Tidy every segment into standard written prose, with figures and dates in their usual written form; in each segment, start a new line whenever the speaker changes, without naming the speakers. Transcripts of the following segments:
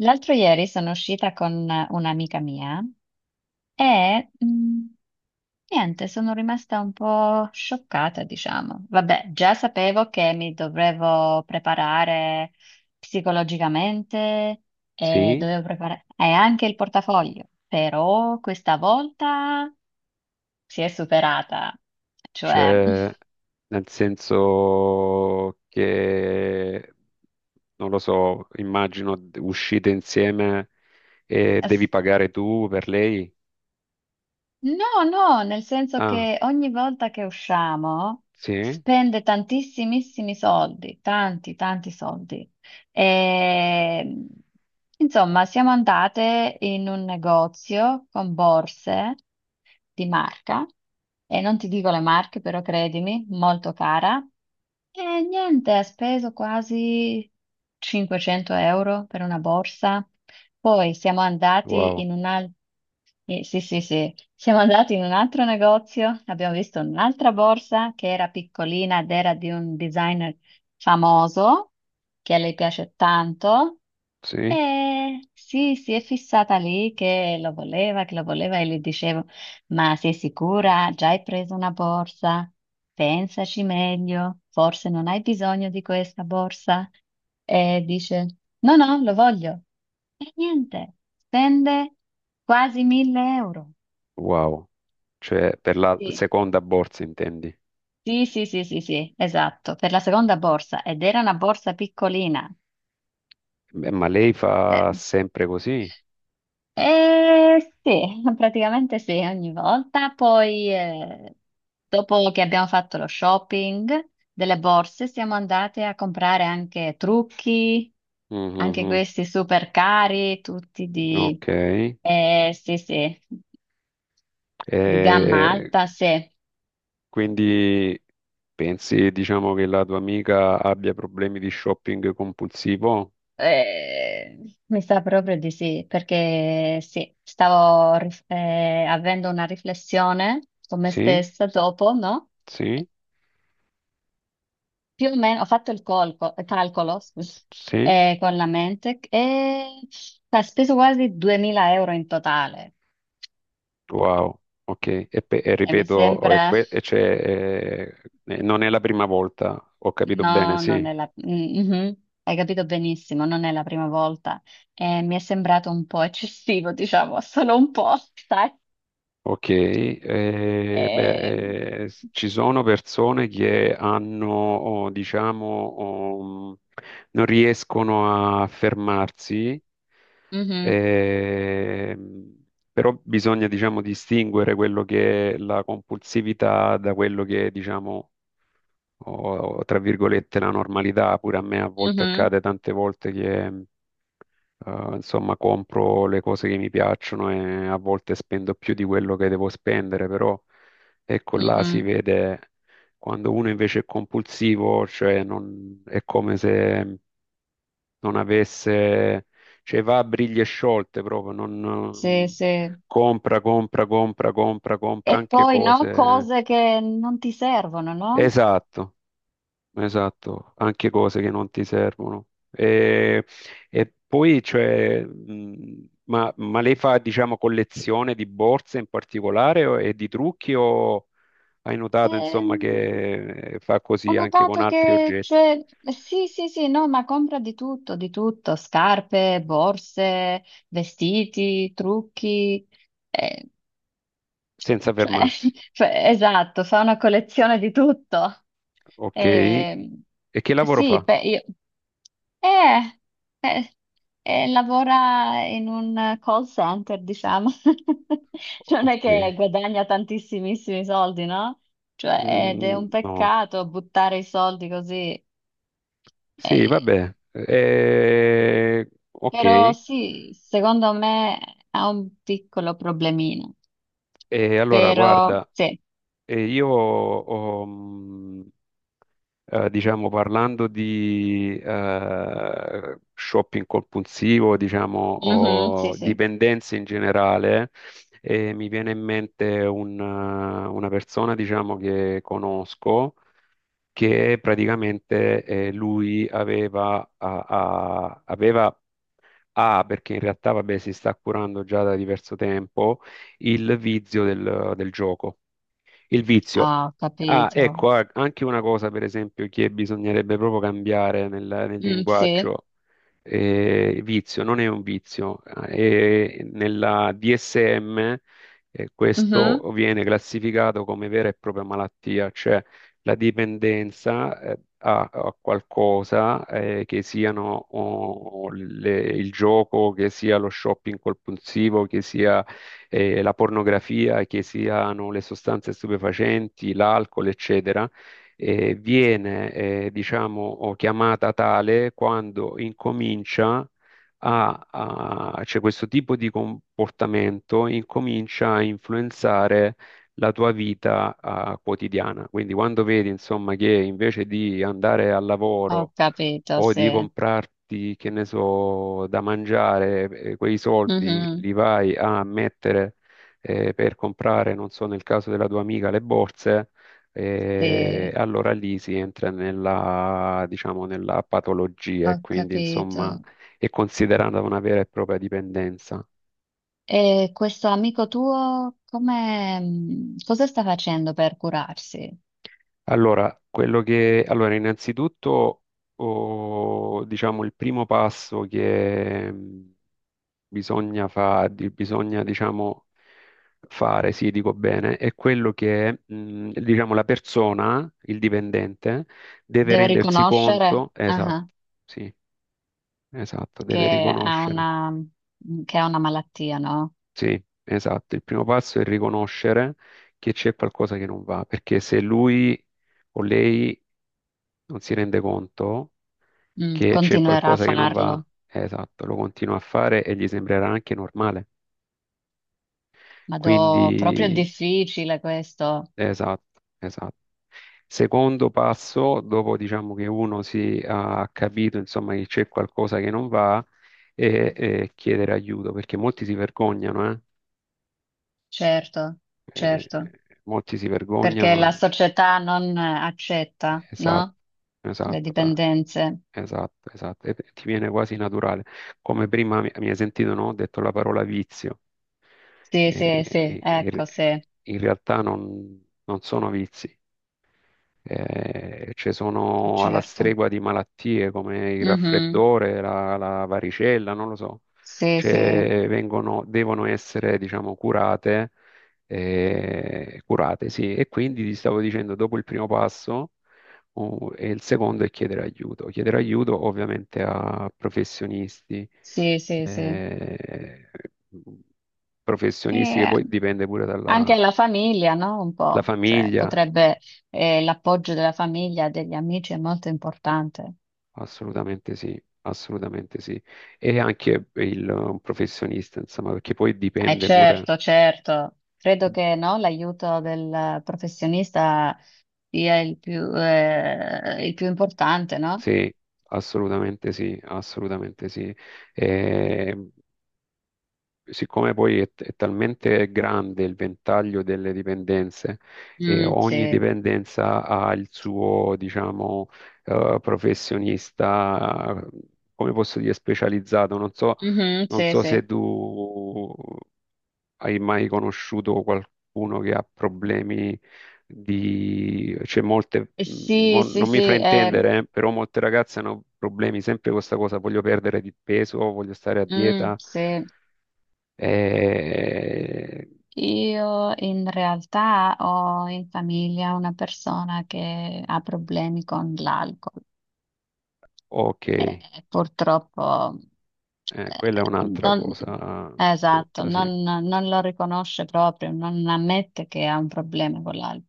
L'altro ieri sono uscita con un'amica mia e mh, niente, sono rimasta un po' scioccata, diciamo. Vabbè, già sapevo che mi dovevo preparare psicologicamente e
Sì,
dovevo preparare e anche il portafoglio, però questa volta si è superata, cioè
cioè nel senso che, non lo so, immagino uscite insieme e devi pagare tu per lei.
No, no, nel senso
Ah,
che ogni volta che usciamo
sì,
spende tantissimissimi soldi, tanti, tanti soldi. E, insomma, siamo andate in un negozio con borse di marca, e non ti dico le marche, però credimi, molto cara. E niente, ha speso quasi 500 euro per una borsa. Poi siamo andati
wow,
in un'altra. Sì, sì, sì, siamo andati in un altro negozio, abbiamo visto un'altra borsa che era piccolina ed era di un designer famoso che a lei piace tanto.
sì,
Sì, si è fissata lì che lo voleva e le dicevo, ma sei sicura? Già hai preso una borsa? Pensaci meglio, forse non hai bisogno di questa borsa. E dice, no, no, lo voglio. E niente, spende quasi 1000 euro.
wow, cioè per la
Sì,
seconda borsa intendi.
sì, sì, sì, sì, sì, esatto, per la seconda borsa ed era una borsa piccolina.
Beh, ma lei fa sempre così?
Sì, praticamente sì, ogni volta. Poi, dopo che abbiamo fatto lo shopping delle borse, siamo andate a comprare anche trucchi, anche
Mhm.
questi super cari, tutti di,
Ok.
sì, sì, di gamma
E
alta, sì.
quindi pensi, diciamo, che la tua amica abbia problemi di shopping compulsivo?
Eh, mi sa proprio di sì, perché sì, avendo una riflessione con me
Sì,
stessa dopo, no?
sì,
Più o meno, ho fatto il calcolo, scusa,
sì,
con la mente e ha speso quasi 2000 euro in totale.
wow, ok. E, e
E mi
ripeto, e
sembra,
e c'è, non è la prima volta, ho capito bene,
no, non
sì.
è la, mm, mhm, hai capito benissimo, non è la prima volta. E mi è sembrato un po' eccessivo, diciamo, solo un po', sai?
Ok,
Ehm,
beh, ci sono persone che hanno, oh, diciamo, oh, non riescono a fermarsi,
mhm,
ehm, però bisogna, diciamo, distinguere quello che è la compulsività da quello che è, diciamo, o tra virgolette la normalità. Pure a me a volte
mhm,
accade tante volte che insomma compro le cose che mi piacciono e a volte spendo più di quello che devo spendere, però ecco là si
mhm.
vede quando uno invece è compulsivo, cioè è come se non avesse, cioè va a briglie sciolte proprio,
Sì,
non
sì.
compra, compra, compra, compra, compra
E
anche
poi, no,
cose.
cose che non ti servono, no?
Esatto. Esatto, anche cose che non ti servono. E poi, cioè, ma lei fa, diciamo, collezione di borse in particolare e di trucchi o hai notato, insomma,
Ehm,
che fa
Ho
così anche con
notato
altri
che,
oggetti,
cioè, sì, sì, sì, no, ma compra di tutto, scarpe, borse, vestiti, trucchi. Eh,
senza
cioè,
fermarsi?
cioè, esatto, fa una collezione di tutto.
Ok. E
Ehm,
che lavoro
sì,
fa?
eh, eh, lavora in un call center, diciamo. Cioè, non è
Ok.
che guadagna tantissimissimi soldi, no? Cioè, ed è
Mm,
un
no.
peccato buttare i soldi così.
Sì,
Eh,
vabbè.
però
Ok.
sì, secondo me ha un piccolo problemino.
E allora,
Però
guarda,
sì,
io ho, diciamo, parlando di shopping compulsivo, diciamo,
mhm, sì,
o
sì.
dipendenze in generale, mi viene in mente un, una persona, diciamo, che conosco, che praticamente lui aveva, aveva ha, perché in realtà, vabbè, si sta curando già da diverso tempo, il vizio del gioco. Il vizio.
Ah, ho
Ah,
capito.
ecco, ah, anche una cosa, per esempio, che bisognerebbe proprio cambiare nel
Mm, sì,
linguaggio vizio, non è un vizio. E nella DSM,
mhm.
questo viene classificato come vera e propria malattia, cioè la dipendenza, a, a qualcosa, che siano oh, il gioco, che sia lo shopping compulsivo, che sia, la pornografia, che siano le sostanze stupefacenti, l'alcol, eccetera viene, diciamo, o chiamata tale quando incomincia a, cioè questo tipo di comportamento incomincia a influenzare la tua vita, quotidiana. Quindi quando vedi, insomma, che invece di andare al
Ho
lavoro
capito,
o
sì.
di comprarti, che ne so, da mangiare, quei soldi
Mhm.
li vai a mettere per comprare, non so, nel caso della tua amica, le borse,
Sì,
allora lì si entra nella, diciamo, nella patologia
ho
e quindi,
capito.
insomma, è considerata una vera e propria dipendenza.
E questo amico tuo, come, cosa sta facendo per curarsi?
Allora, quello che, allora, innanzitutto, oh, diciamo, il primo passo che bisogna, bisogna, diciamo, fare, sì, dico bene, è quello che, diciamo, la persona, il dipendente, deve
Deve
rendersi
riconoscere,
conto, esatto,
ah,
sì, esatto, deve
che ha
riconoscere,
una, mm, che ha una malattia, no?
sì, esatto, il primo passo è riconoscere che c'è qualcosa che non va, perché se lui o lei non si rende conto
Mm,
che c'è
continuerà a
qualcosa che non
farlo.
va, esatto, lo continua a fare e gli sembrerà anche normale.
Ma do, proprio è
Quindi
difficile questo.
esatto, esatto. Secondo passo, dopo diciamo che uno si ha capito insomma che c'è qualcosa che non va, e chiedere aiuto, perché molti si vergognano, eh?
Certo,
Eh,
certo.
molti si
Perché la
vergognano.
società non accetta,
Esatto,
no? Le
esatto,
dipendenze.
esatto, esatto. E ti viene quasi naturale. Come prima mi, mi hai sentito, no? Ho detto la parola vizio.
Sì, sì, sì,
In,
ecco, sì,
in realtà non sono vizi. Ci sono alla
certo.
stregua di malattie come il
Mhm.
raffreddore, la, la varicella, non lo so.
Sì, sì,
Cioè, vengono, devono essere, diciamo, curate, curate, sì. E quindi ti stavo dicendo, dopo il primo passo, e il secondo è chiedere aiuto. Chiedere aiuto ovviamente a professionisti,
sì, sì, sì.
eh,
E
professionisti che
eh,
poi dipende pure
anche
dalla
la famiglia, no? Un
la
po', cioè
famiglia.
potrebbe, l'appoggio della famiglia, degli amici è molto importante.
Assolutamente sì, assolutamente sì. E anche il professionista, insomma, perché poi dipende pure.
Certo, certo. Credo che no, l'aiuto del professionista sia il più importante, no?
Sì, assolutamente sì, assolutamente sì. E siccome poi è talmente grande il ventaglio delle dipendenze e
Mm,
ogni
sì.
dipendenza ha il suo, diciamo, professionista, come posso dire, specializzato, non so.
Mhm,
Non
sì,
so
sì.
se tu hai mai conosciuto qualcuno che ha problemi di... cioè molte, mm,
Sì, sì,
non mi
sì,
fraintendere, però molte ragazze hanno problemi sempre con questa cosa, voglio perdere di peso, voglio stare a
mm,
dieta.
sì.
eh,
Io in realtà ho in famiglia una persona che ha problemi con l'alcol.
Ok,
Purtroppo,
quella è
eh,
un'altra
non,
cosa
esatto,
brutta, sì.
non, non lo riconosce proprio, non ammette che ha un problema con l'alcol,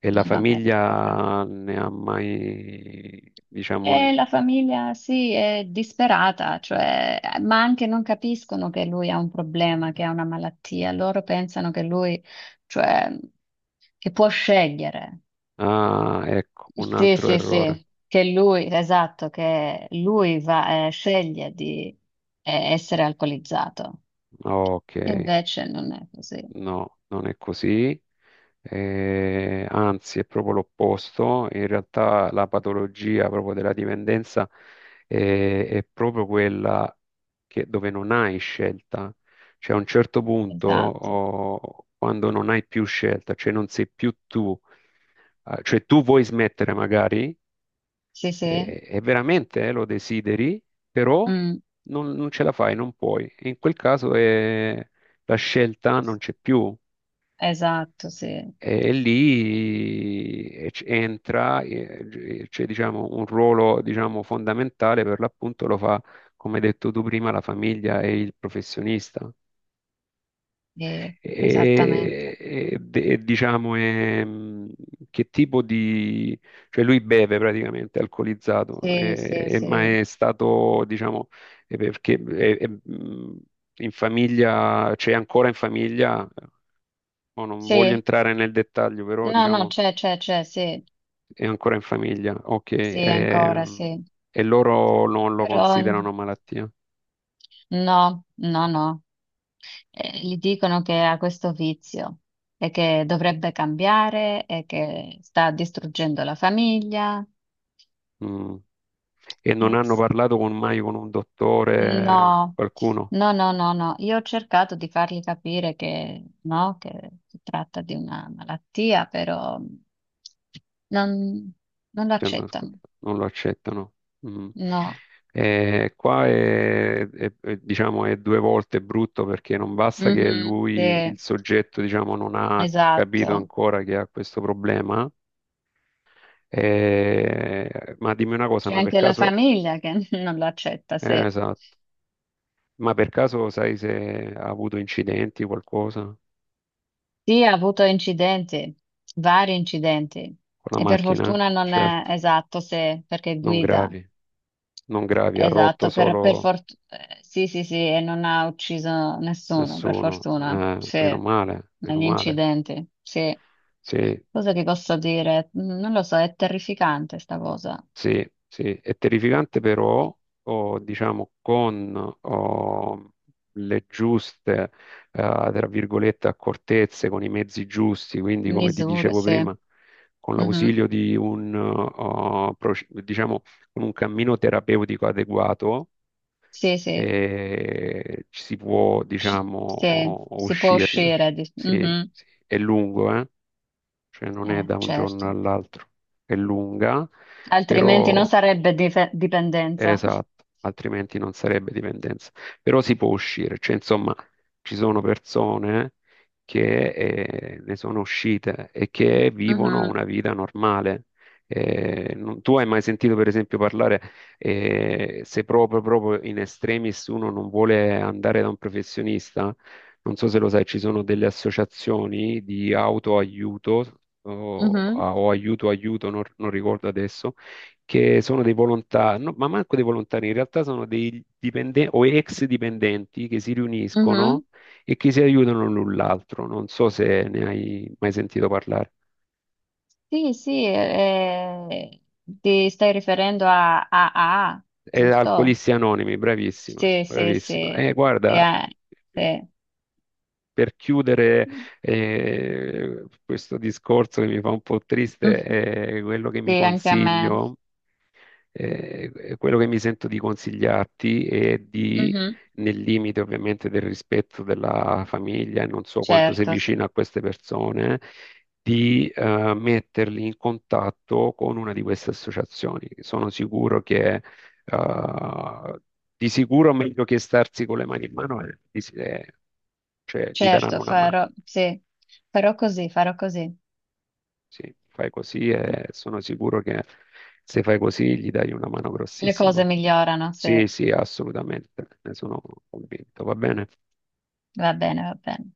E la
non lo ammette proprio.
famiglia ne ha mai, diciamo...
E la famiglia sì, è disperata, cioè, ma anche non capiscono che lui ha un problema, che ha una malattia. Loro pensano che lui, cioè, che può scegliere.
Ah, ecco, un
Sì,
altro
sì,
errore.
sì, che lui, esatto, che lui va, sceglie di essere alcolizzato.
Ok,
E invece non è così.
no, non è così. Anzi è proprio l'opposto, in realtà la patologia proprio della dipendenza è proprio quella dove non hai scelta, cioè a un certo punto
Esatto.
oh, quando non hai più scelta, cioè non sei più tu, cioè tu vuoi smettere magari
Sì, sì.
e veramente lo desideri, però
Mm,
non, non ce la fai, non puoi. In quel caso la scelta non c'è più.
esatto, sì.
E lì entra, c'è diciamo, un ruolo diciamo, fondamentale per l'appunto lo fa, come hai detto tu prima, la famiglia e il professionista.
Sì, esattamente.
Diciamo, che tipo di... cioè lui beve praticamente, è alcolizzato,
Sì, sì,
ma
sì.
è stato, diciamo, è perché è, in famiglia, c'è ancora in famiglia, mo non voglio
Sì,
entrare nel dettaglio, però
no, no,
diciamo
c'è, sì,
è ancora in famiglia, ok,
sì, ancora,
ehm,
sì.
e loro non lo
Però
considerano malattia.
no, no, no. Gli dicono che ha questo vizio e che dovrebbe cambiare e che sta distruggendo la famiglia.
Mm. E non hanno
Sì.
parlato mai con un dottore,
No,
qualcuno.
no, no, no, no. Io ho cercato di fargli capire che no, che si tratta di una malattia, però non, non lo
Cioè, non
accettano.
non lo accettano. Mm.
No.
Qua è, è, diciamo, è due volte brutto perché non basta che
Mhm,
lui, il
sì,
soggetto, diciamo, non ha capito
esatto.
ancora che ha questo problema. Ma dimmi una cosa,
C'è
ma per
anche la
caso,
famiglia che non lo accetta, sì.
esatto. Ma per caso sai se ha avuto incidenti, qualcosa con
Sì, ha avuto incidenti, vari incidenti,
la
e per
macchina?
fortuna non è
Certo,
esatto, se perché
non
guida,
gravi, non gravi, ha rotto
esatto, per,
solo
sì, sì, sì, e non ha ucciso nessuno, per
nessuno.
fortuna, sì,
Meno male, meno
negli
male.
incidenti, sì.
Sì,
Cosa ti posso dire? Mm, non lo so, è terrificante sta cosa.
sì, sì, è terrificante però, o, diciamo, con o, le giuste, tra virgolette, accortezze, con i mezzi giusti, quindi come ti
Misure,
dicevo
sì.
prima, con
Mhm.
l'ausilio di un, oh, proce- diciamo, con un cammino terapeutico adeguato,
Sì, sì,
ci si può,
C-
diciamo,
sì,
oh, oh,
si può
uscirne.
uscire. Di-
Sì,
mhm.
sì. È lungo, eh? Cioè non è da un giorno
Certo.
all'altro, è lunga
Altrimenti non
però
sarebbe dipendenza.
esatto, altrimenti non sarebbe dipendenza. Però si può uscire, cioè insomma ci sono persone che ne sono uscite e che vivono
Mhm,
una vita normale. Tu hai mai sentito per esempio parlare se proprio, proprio in estremis uno non vuole andare da un professionista? Non so se lo sai, ci sono delle associazioni di autoaiuto
mhm,
o aiuto aiuto, non ricordo adesso che sono dei volontari, no, ma manco dei volontari, in realtà sono dei dipendenti o ex dipendenti che si
mhm.
riuniscono e che si aiutano l'un l'altro. Non so se ne hai mai sentito parlare.
Sì, sì, ti stai riferendo a AA,
È
giusto?
Alcolisti Anonimi, bravissima,
Sì, sì,
bravissima.
sì.
E guarda,
Eh, sì.
per chiudere questo discorso che mi fa un po' triste,
Mhm.
è quello che
Sì,
mi
anche a me.
consiglio. Quello che mi sento di consigliarti è di,
Mhm.
nel limite ovviamente del rispetto della famiglia, e non so quanto sei
Certo, sì.
vicino a queste persone, di metterli in contatto con una di queste associazioni. Sono sicuro che, eh, di sicuro meglio che starsi con le mani in mano, cioè gli daranno
Certo,
una mano.
farò, sì. Farò così, farò così.
Sì, fai così e sono sicuro che se fai così gli dai una mano
Le cose
grossissima.
migliorano, sì.
Sì, sì, assolutamente, ne sono convinto, va bene?
Va bene, va bene.